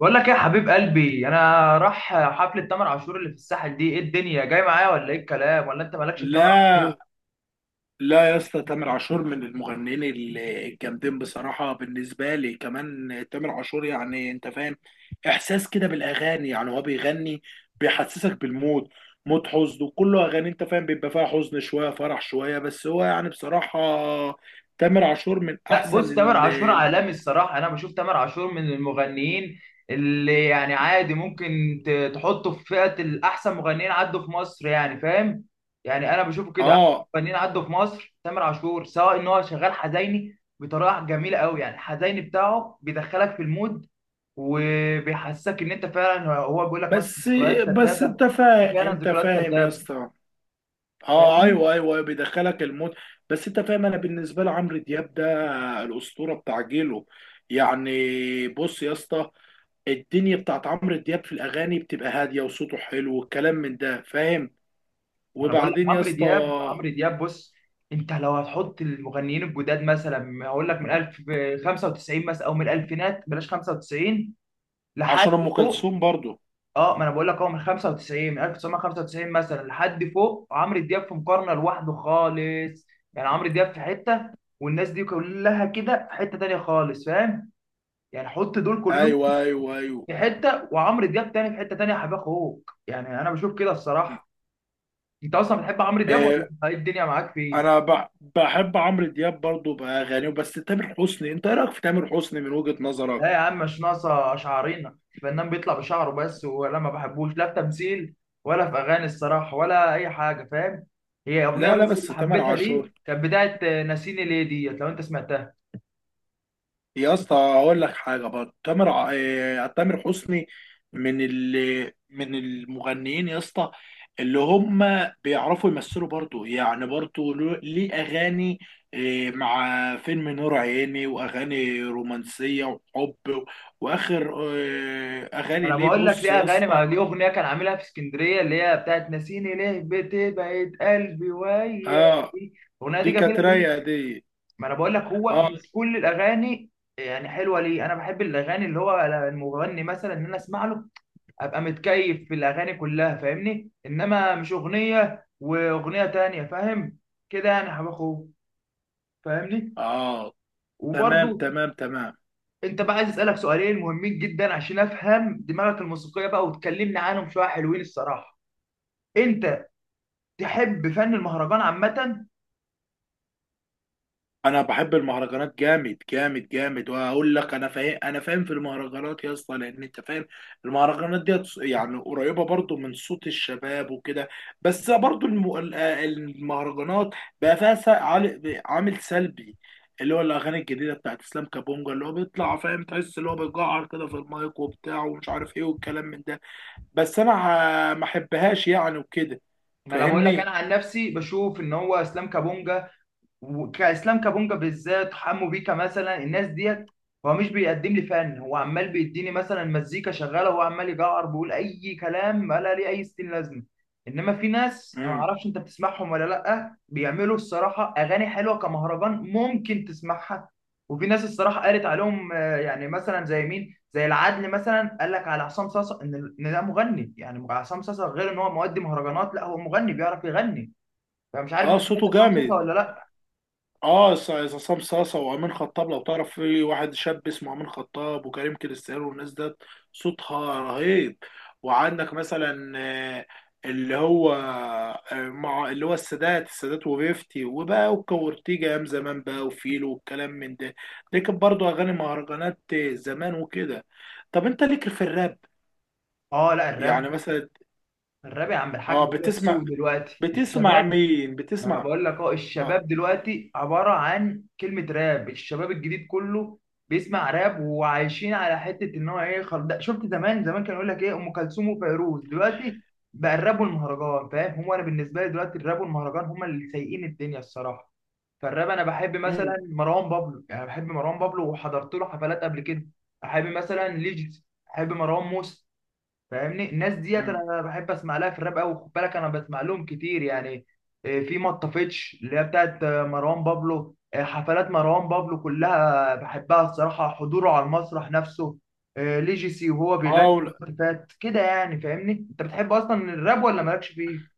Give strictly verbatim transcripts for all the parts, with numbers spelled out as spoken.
بقول لك ايه يا حبيب قلبي انا؟ راح حفلة تامر عاشور اللي في الساحل دي، ايه الدنيا جاي معايا ولا ايه الكلام، ولا انت مالكش في تامر عاشور؟ لا، لا، يا اسطى، تامر عاشور من المغنيين ال- الجامدين بصراحة. بالنسبة لي كمان تامر عاشور يعني انت فاهم، احساس كده بالاغاني. يعني هو بيغني، بيحسسك بالمود، مود حزن وكله اغاني، انت فاهم بيبقى فيها حزن شوية فرح شوية. بس هو يعني بصراحة تامر عاشور من لا احسن بص، تامر ال عاشور ال- عالمي الصراحة. أنا بشوف تامر عاشور من المغنيين اللي يعني عادي ممكن ت- تحطه في فئة الأحسن مغنيين عدوا في مصر، يعني فاهم. يعني أنا بشوفه كده أحسن اه، مغنيين عدوا في مصر. تامر عاشور سواء إن هو شغال حزيني بطريقة جميلة أوي، يعني الحزيني بتاعه بيدخلك في المود وبيحسسك إن أنت فعلا هو بيقول لك مثلا بس ذكريات بس كدابة. انت فاهم فعلا انت ذكريات فاهم يا كدابة. اسطى. اه، فاهمني. ايوه، ايوه، أيوة، بيدخلك المود. بس انت فاهم، انا بالنسبة لي عمرو دياب ده الاسطوره بتاع جيله يعني. بص يا اسطى، الدنيا بتاعت عمرو دياب في الاغاني بتبقى هاديه وصوته حلو والكلام من ده فاهم. انا بقول لك وبعدين يا عمرو اسطى، دياب، عمرو دياب بص. انت لو هتحط المغنيين الجداد مثلا هقول لك من ألف وخمسة وتسعين مثلا، او من الالفينات بلاش خمسة وتسعين لحد عشان ام فوق. كلثوم برضو. اه ما انا بقول لك هو من خمسة وتسعين، من ألف وتسعمية خمسة وتسعين مثلا لحد فوق. عمرو دياب في مقارنه لوحده خالص. يعني عمرو دياب في حته والناس دي كلها كده في حته تانيه خالص، فاهم؟ يعني حط دول كلهم ايوه، ايوه، ايوه، في حته وعمرو دياب تاني في حته تانيه، حبيب اخوك، يعني انا بشوف كده الصراحه. انت اصلا بتحب عمرو دياب ولا آه ايه الدنيا معاك فيه؟ انا ب- بحب عمرو دياب برضو باغانيه. بس تامر حسني، انت ايه رايك في تامر حسني من وجهه نظرك؟ لا يا عم مش ناقصه شعرينا. الفنان بيطلع بشعره بس، ولا ما بحبوش، لا في تمثيل ولا في اغاني الصراحه ولا اي حاجه، فاهم؟ هي اغنيه لا، لا. بس بس اللي تامر حبيتها ليه، عاشور، كانت بتاعه آه، ناسيني ليه ديت، لو انت سمعتها. يا اسطى اقول لك حاجه برضه. تامر ع- آه، تامر حسني من ال من المغنيين يا اسطى اللي هم بيعرفوا يمثلوا برضه، يعني برضه له- ليه اغاني، آه، مع فيلم نور عيني واغاني رومانسيه وحب و- واخر آه، اغاني انا ليه. بقول لك بص ليه يا اغاني، مع اسطى، ليه اغنيه كان عاملها في اسكندريه اللي هي بتاعه ناسيني ليه بتبعد قلبي وياك. اه الاغنيه دي دي كانت جميله ليه. رايقه دي. ما انا بقول لك هو اه، مش كل الاغاني يعني حلوه ليه. انا بحب الاغاني اللي هو المغني مثلا ان انا اسمع له، ابقى متكيف في الاغاني كلها، فاهمني؟ انما مش اغنيه واغنيه تانية، فاهم كده يعني، يا حبيب اخوه؟ فاهمني. اه، تمام، وبرضو تمام، تمام. انت بقى عايز اسالك سؤالين مهمين جدا عشان افهم دماغك الموسيقيه بقى، وتكلمني عنهم شويه حلوين الصراحه. انت تحب فن المهرجان عامه؟ انا بحب المهرجانات جامد جامد جامد. وهقول لك انا فاهم، انا فاهم في المهرجانات يا اسطى، لان انت فاهم المهرجانات دي يعني قريبه برضو من صوت الشباب وكده. بس برضو الم- ال- آه، المهرجانات بقى فيها س- عال- عامل سلبي، اللي هو الاغاني الجديده بتاعت اسلام كابونجا اللي هو بيطلع فاهم، تحس اللي هو بيجعر كده في المايك وبتاع ومش عارف ايه والكلام من ده. بس انا ه- ما احبهاش يعني وكده، ما انا بقول لك انا فاهمني. عن نفسي بشوف ان هو اسلام كابونجا، وكاسلام كابونجا بالذات، حمو بيكا مثلا، الناس ديت هو مش بيقدم لي فن. هو عمال بيديني مثلا مزيكا شغاله وهو عمال يجعر بيقول اي كلام ولا ليه اي ستين لازمه. انما في ناس انا ما امم اعرفش انت بتسمعهم ولا لا، بيعملوا الصراحه اغاني حلوه كمهرجان ممكن تسمعها. وفي ناس الصراحه قالت عليهم آه، يعني مثلا زي مين، زي العدل مثلا، قال لك على عصام صاصا ان إن ده مغني. يعني عصام صاصا غير ان هو مؤدي مهرجانات، لا هو مغني بيعرف يغني. فمش عارف انت اه، صوته سمعت عصام جامد. صاصا ولا لا. اه، س- عصام صاصة وامين خطاب، لو تعرف في واحد شاب اسمه امين خطاب وكريم كريستيانو والناس ده، صوتها رهيب. وعندك مثلا آه، اللي هو آه، مع اللي هو السادات، السادات وفيفتي وبقى وكورتيجا ايام زمان بقى وفيلو والكلام من ده. دي كانت برضه اغاني مهرجانات زمان وكده. طب انت ليك في الراب اه لا يعني الراب. مثلا؟ الراب يا عم الحاج اه، هو السوق بتسمع؟ دلوقتي، بتسمع الشباب. مين؟ ما انا بتسمع؟ بقول لك اه، اه، الشباب دلوقتي عباره عن كلمه راب. الشباب الجديد كله بيسمع راب، وعايشين على حته ان هو ايه خل... ده. شفت زمان زمان كان يقول لك ايه ام كلثوم وفيروز؟ دلوقتي بقى الراب والمهرجان، فاهم؟ هو انا بالنسبه لي دلوقتي الراب والمهرجان هما اللي سايقين الدنيا الصراحه. فالراب انا بحب مثلا مم، مروان بابلو، يعني بحب مروان بابلو وحضرت له حفلات قبل كده. احب مثلا ليجيس، احب مروان موسى. فاهمني الناس ديت مم. انا بحب اسمع لها في الراب قوي. خد بالك انا بسمع لهم كتير يعني. آه، في مطفتش اللي هي بتاعت آه، مروان بابلو. آه، حفلات مروان بابلو كلها بحبها الصراحه، حضوره على المسرح نفسه. آه، ليجيسي وهو بيغني في اه، الوقت فات كده يعني. فاهمني، انت بتحب اصلا الراب ولا مالكش فيه؟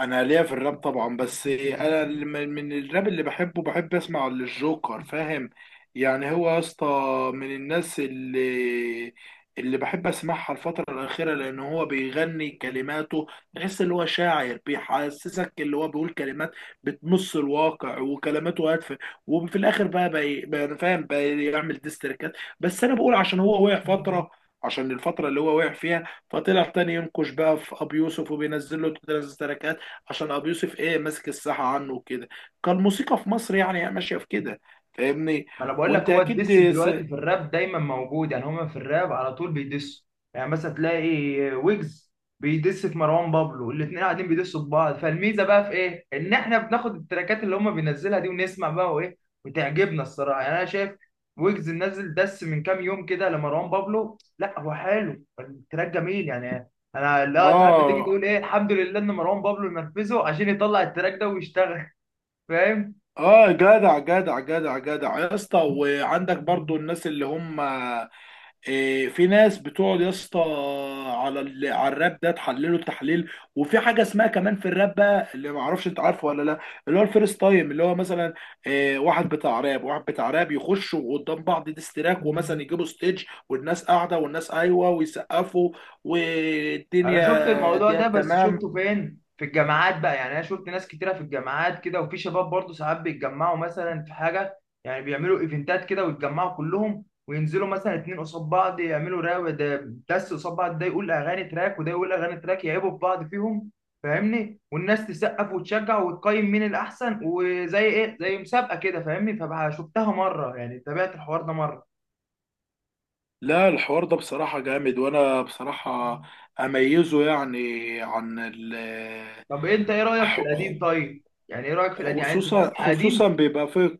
انا ليا في الراب طبعا، بس انا اللي من من الراب اللي بحبه، بحب اسمع للجوكر فاهم. يعني هو يا اسطى من الناس اللي اللي بحب اسمعها الفترة الأخيرة، لأن هو بيغني كلماته، تحس اللي هو شاعر بيحسسك اللي هو بيقول كلمات بتمس الواقع وكلماته هادفة. وفي الآخر بقى بي- بقى فاهم بيعمل ديستركات. بس أنا بقول عشان هو وقع فترة، عشان الفترة اللي هو وقع فيها فطلع تاني ينقش بقى في أبي يوسف وبينزل له تلات تراكات، عشان ابو يوسف ايه ماسك الساحه عنه وكده. كان الموسيقى في مصر يعني ماشيه في كده، فاهمني. ما انا بقول لك وانت هو الدس اكيد س... دلوقتي في الراب دايما موجود. يعني هما في الراب على طول بيدسوا، يعني مثلا تلاقي ويجز بيدس في مروان بابلو، الاثنين قاعدين بيدسوا في بعض. فالميزه بقى في ايه؟ ان احنا بناخد التراكات اللي هما بينزلها دي ونسمع بقى وايه، وتعجبنا الصراحه. يعني انا شايف ويجز نزل دس من كام يوم كده لمروان بابلو، لا هو حلو، التراك جميل يعني. انا لا، ساعات بتيجي اه، تقول ايه الحمد لله ان مروان بابلو نرفزه عشان يطلع التراك ده ويشتغل. فاهم؟ اه، جدع جدع جدع جدع يا اسطى. وعندك برضو الناس اللي هم إيه، في ناس بتقعد يا اسطى على ال- على الراب ده تحلله التحليل. وفي حاجه اسمها كمان في الراب بقى اللي ما اعرفش انت عارفه ولا لا، اللي هو الفيرست تايم اللي هو مثلا إيه، واحد بتاع راب واحد بتاع راب يخشوا قدام بعض ديستراك، ومثلا يجيبوا ستيج والناس قاعده والناس ايوه ويسقفوا انا شفت والدنيا الموضوع دي ده، بس تمام. شفته فين؟ في الجامعات بقى. يعني انا شفت ناس كتيره في الجامعات كده، وفي شباب برضو ساعات بيتجمعوا مثلا في حاجه، يعني بيعملوا ايفنتات كده ويتجمعوا كلهم، وينزلوا مثلا اتنين قصاد بعض يعملوا راو ده، دس قصاد بعض، ده يقول اغاني تراك وده يقول اغاني تراك، يعيبوا في بعض فيهم. فاهمني؟ والناس تسقف وتشجع وتقيم مين الاحسن، وزي ايه، زي مسابقه كده. فاهمني؟ فشفتها مره يعني، تابعت الحوار ده مره. لا، الحوار ده بصراحه جامد وانا بصراحه اميزه يعني عن ال طب انت ايه رايك في القديم؟ طيب يعني ايه رايك في القديم؟ يعني انت خصوصا بتسمع خصوصا قديم؟ بيبقى في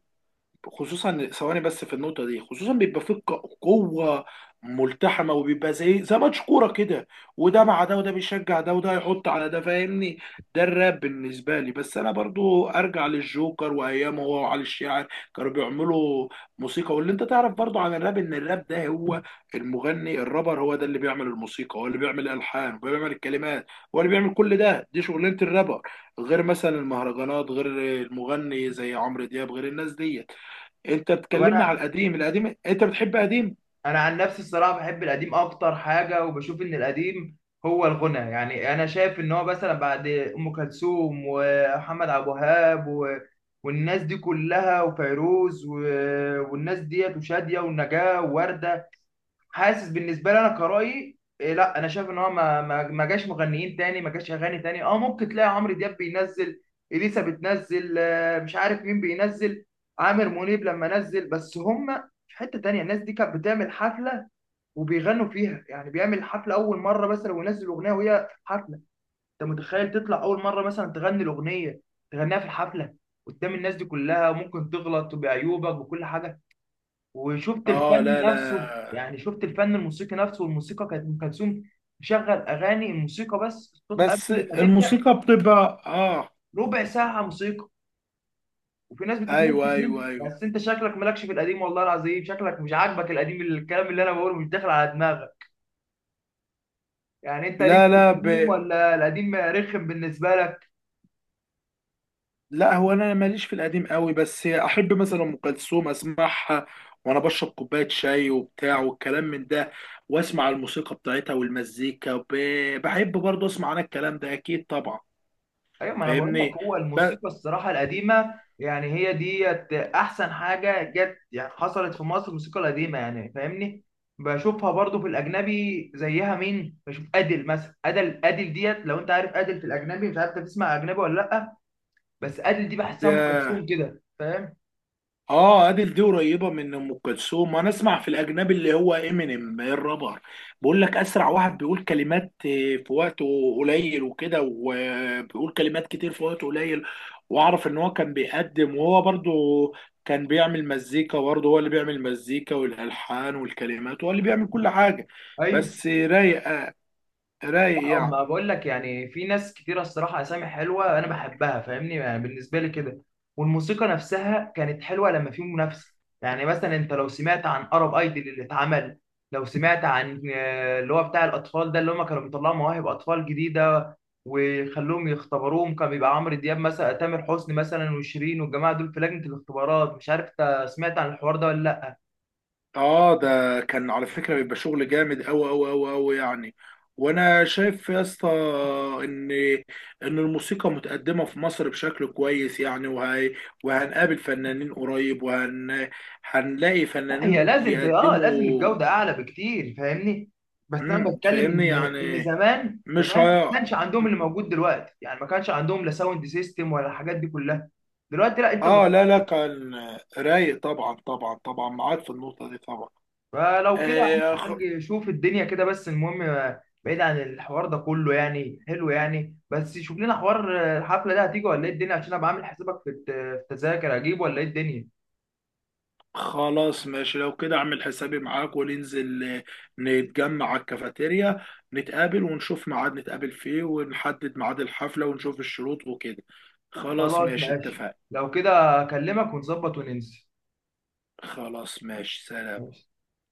خصوصا ثواني بس في النقطه دي. خصوصا بيبقى فيه ق- قوه ملتحمه، وبيبقى زي زي ماتش كوره كده، وده مع ده، وده بيشجع ده، وده يحط على ده، فاهمني. ده الراب بالنسبه لي. بس انا برضو ارجع للجوكر وايامه، هو وعلي الشاعر كانوا بيعملوا موسيقى. واللي انت تعرف برضو عن الراب ان الراب ده هو المغني الرابر هو ده اللي بيعمل الموسيقى، هو اللي بيعمل الالحان، هو اللي بيعمل الكلمات، هو اللي بيعمل كل ده. دي شغلانه الرابر، غير مثلا المهرجانات، غير المغني زي عمرو دياب، غير الناس دي. انت طب بتكلمني على انا، القديم؟ القديم، انت بتحب قديم؟ انا عن نفسي الصراحه بحب القديم اكتر حاجه، وبشوف ان القديم هو الغنى. يعني انا شايف ان هو مثلا بعد ام كلثوم ومحمد عبد الوهاب و... والناس دي كلها وفيروز و... والناس ديت وشاديه والنجاه وورده، حاسس بالنسبه لي انا كرأيي إيه، لا انا شايف ان هو ما ما, ما جاش مغنيين تاني، ما جاش اغاني تاني. اه ممكن تلاقي عمرو دياب بينزل، اليسا بتنزل، آه، مش عارف مين بينزل، عامر منيب لما نزل، بس هم في حته تانيه. الناس دي كانت بتعمل حفله وبيغنوا فيها. يعني بيعمل حفله اول مره مثلا وينزل اغنيه وهي في حفله. انت متخيل تطلع اول مره مثلا تغني الاغنيه، تغنيها في الحفله قدام الناس دي كلها، ممكن تغلط بعيوبك وكل حاجه. وشفت اه، الفن لا، لا. نفسه، يعني شفت الفن الموسيقي نفسه. والموسيقى كانت، ام كلثوم تشغل اغاني، الموسيقى بس الصوت قبل بس ما تبدا الموسيقى بتبقى اه. ربع ساعه موسيقى، وفي ناس بتتمزج ايوه، منه. ايوه، ايوه. بس انت شكلك مالكش في القديم، والله العظيم شكلك مش عاجبك القديم، الكلام اللي انا بقوله مش داخل على دماغك. يعني انت ليك لا، في لا، ب... القديم ولا القديم رخم بالنسبه لك؟ لا هو انا ماليش في القديم قوي، بس احب مثلا ام كلثوم اسمعها وانا بشرب كوبايه شاي وبتاع والكلام من ده، واسمع الموسيقى بتاعتها والمزيكا ب... بحب برضه اسمع انا الكلام ده اكيد طبعا، ايوه ما انا بقول لك فاهمني. هو ب... الموسيقى الصراحه القديمه، يعني هي ديت احسن حاجه جت، يعني حصلت في مصر الموسيقى القديمه، يعني فاهمني. بشوفها برضو في الاجنبي زيها، مين بشوف؟ ادل مثلا، ادل، ادل ديت لو انت عارف ادل في الاجنبي، مش عارف انت بتسمع اجنبي ولا لا، بس ادل دي بحسها ام ده، كلثوم كده، فاهم؟ اه، ادل دي قريبه من ام كلثوم. وانا اسمع في الاجنبي اللي هو امينيم الرابر، بيقول لك اسرع واحد بيقول كلمات آه، في وقت قليل وكده، وبيقول كلمات كتير في وقت قليل. واعرف ان هو كان بيقدم، وهو برضو كان بيعمل مزيكا برضه، هو اللي بيعمل مزيكا والالحان والكلمات، هو اللي بيعمل كل حاجه. ايوه بس رايق آه، رايق لا، يعني. اما بقول لك يعني في ناس كتيره الصراحه، اسامي حلوه انا بحبها، فاهمني؟ يعني بالنسبه لي كده. والموسيقى نفسها كانت حلوه لما في منافسه. يعني مثلا انت لو سمعت عن ارب ايدل اللي اتعمل، لو سمعت عن آه، اللي هو بتاع الاطفال ده، اللي هم كانوا بيطلعوا مواهب اطفال جديده ويخلوهم يختبروهم، كان بيبقى عمرو دياب مثلا، تامر حسني مثلا، وشيرين والجماعه دول في لجنه الاختبارات، مش عارف انت سمعت عن الحوار ده ولا اه، ده كان على فكرة بيبقى شغل جامد أوي أوي أوي أوي يعني. وانا شايف يا اسطى ان ان الموسيقى متقدمه في مصر بشكل كويس يعني، وهي وهنقابل فنانين قريب، وهن هنلاقي لا. هي فنانين لازم ت... اه لازم يقدموا. الجودة اعلى بكتير، فاهمني؟ بس انا امم بتكلم تفهمني ان ان يعني، زمان مش زمان هي. ما كانش عندهم اللي موجود دلوقتي، يعني ما كانش عندهم لا ساوند سيستم ولا الحاجات دي كلها دلوقتي. لا انت مت... اه، لا، لا. كان رايق، طبعا، طبعا، طبعا معاك في النقطه دي طبعا. فلو كده يا عم آه الحاج، شوف الدنيا كده. بس المهم آه، بعيد عن الحوار ده كله يعني حلو يعني، بس شوف لنا حوار آه، الحفلة ده هتيجي ولا ايه الدنيا، عشان ابقى عامل حسابك في الت- في التذاكر، اجيب ولا ايه الدنيا؟ خلاص ماشي لو كده، اعمل حسابي معاك وننزل، آه، نتجمع على الكافيتيريا، نتقابل ونشوف ميعاد نتقابل فيه ونحدد ميعاد الحفلة ونشوف الشروط وكده. خلاص خلاص ماشي، ماشي. اتفقنا. لو كده اكلمك ونظبط وننسى. خلاص ماشي، سلام.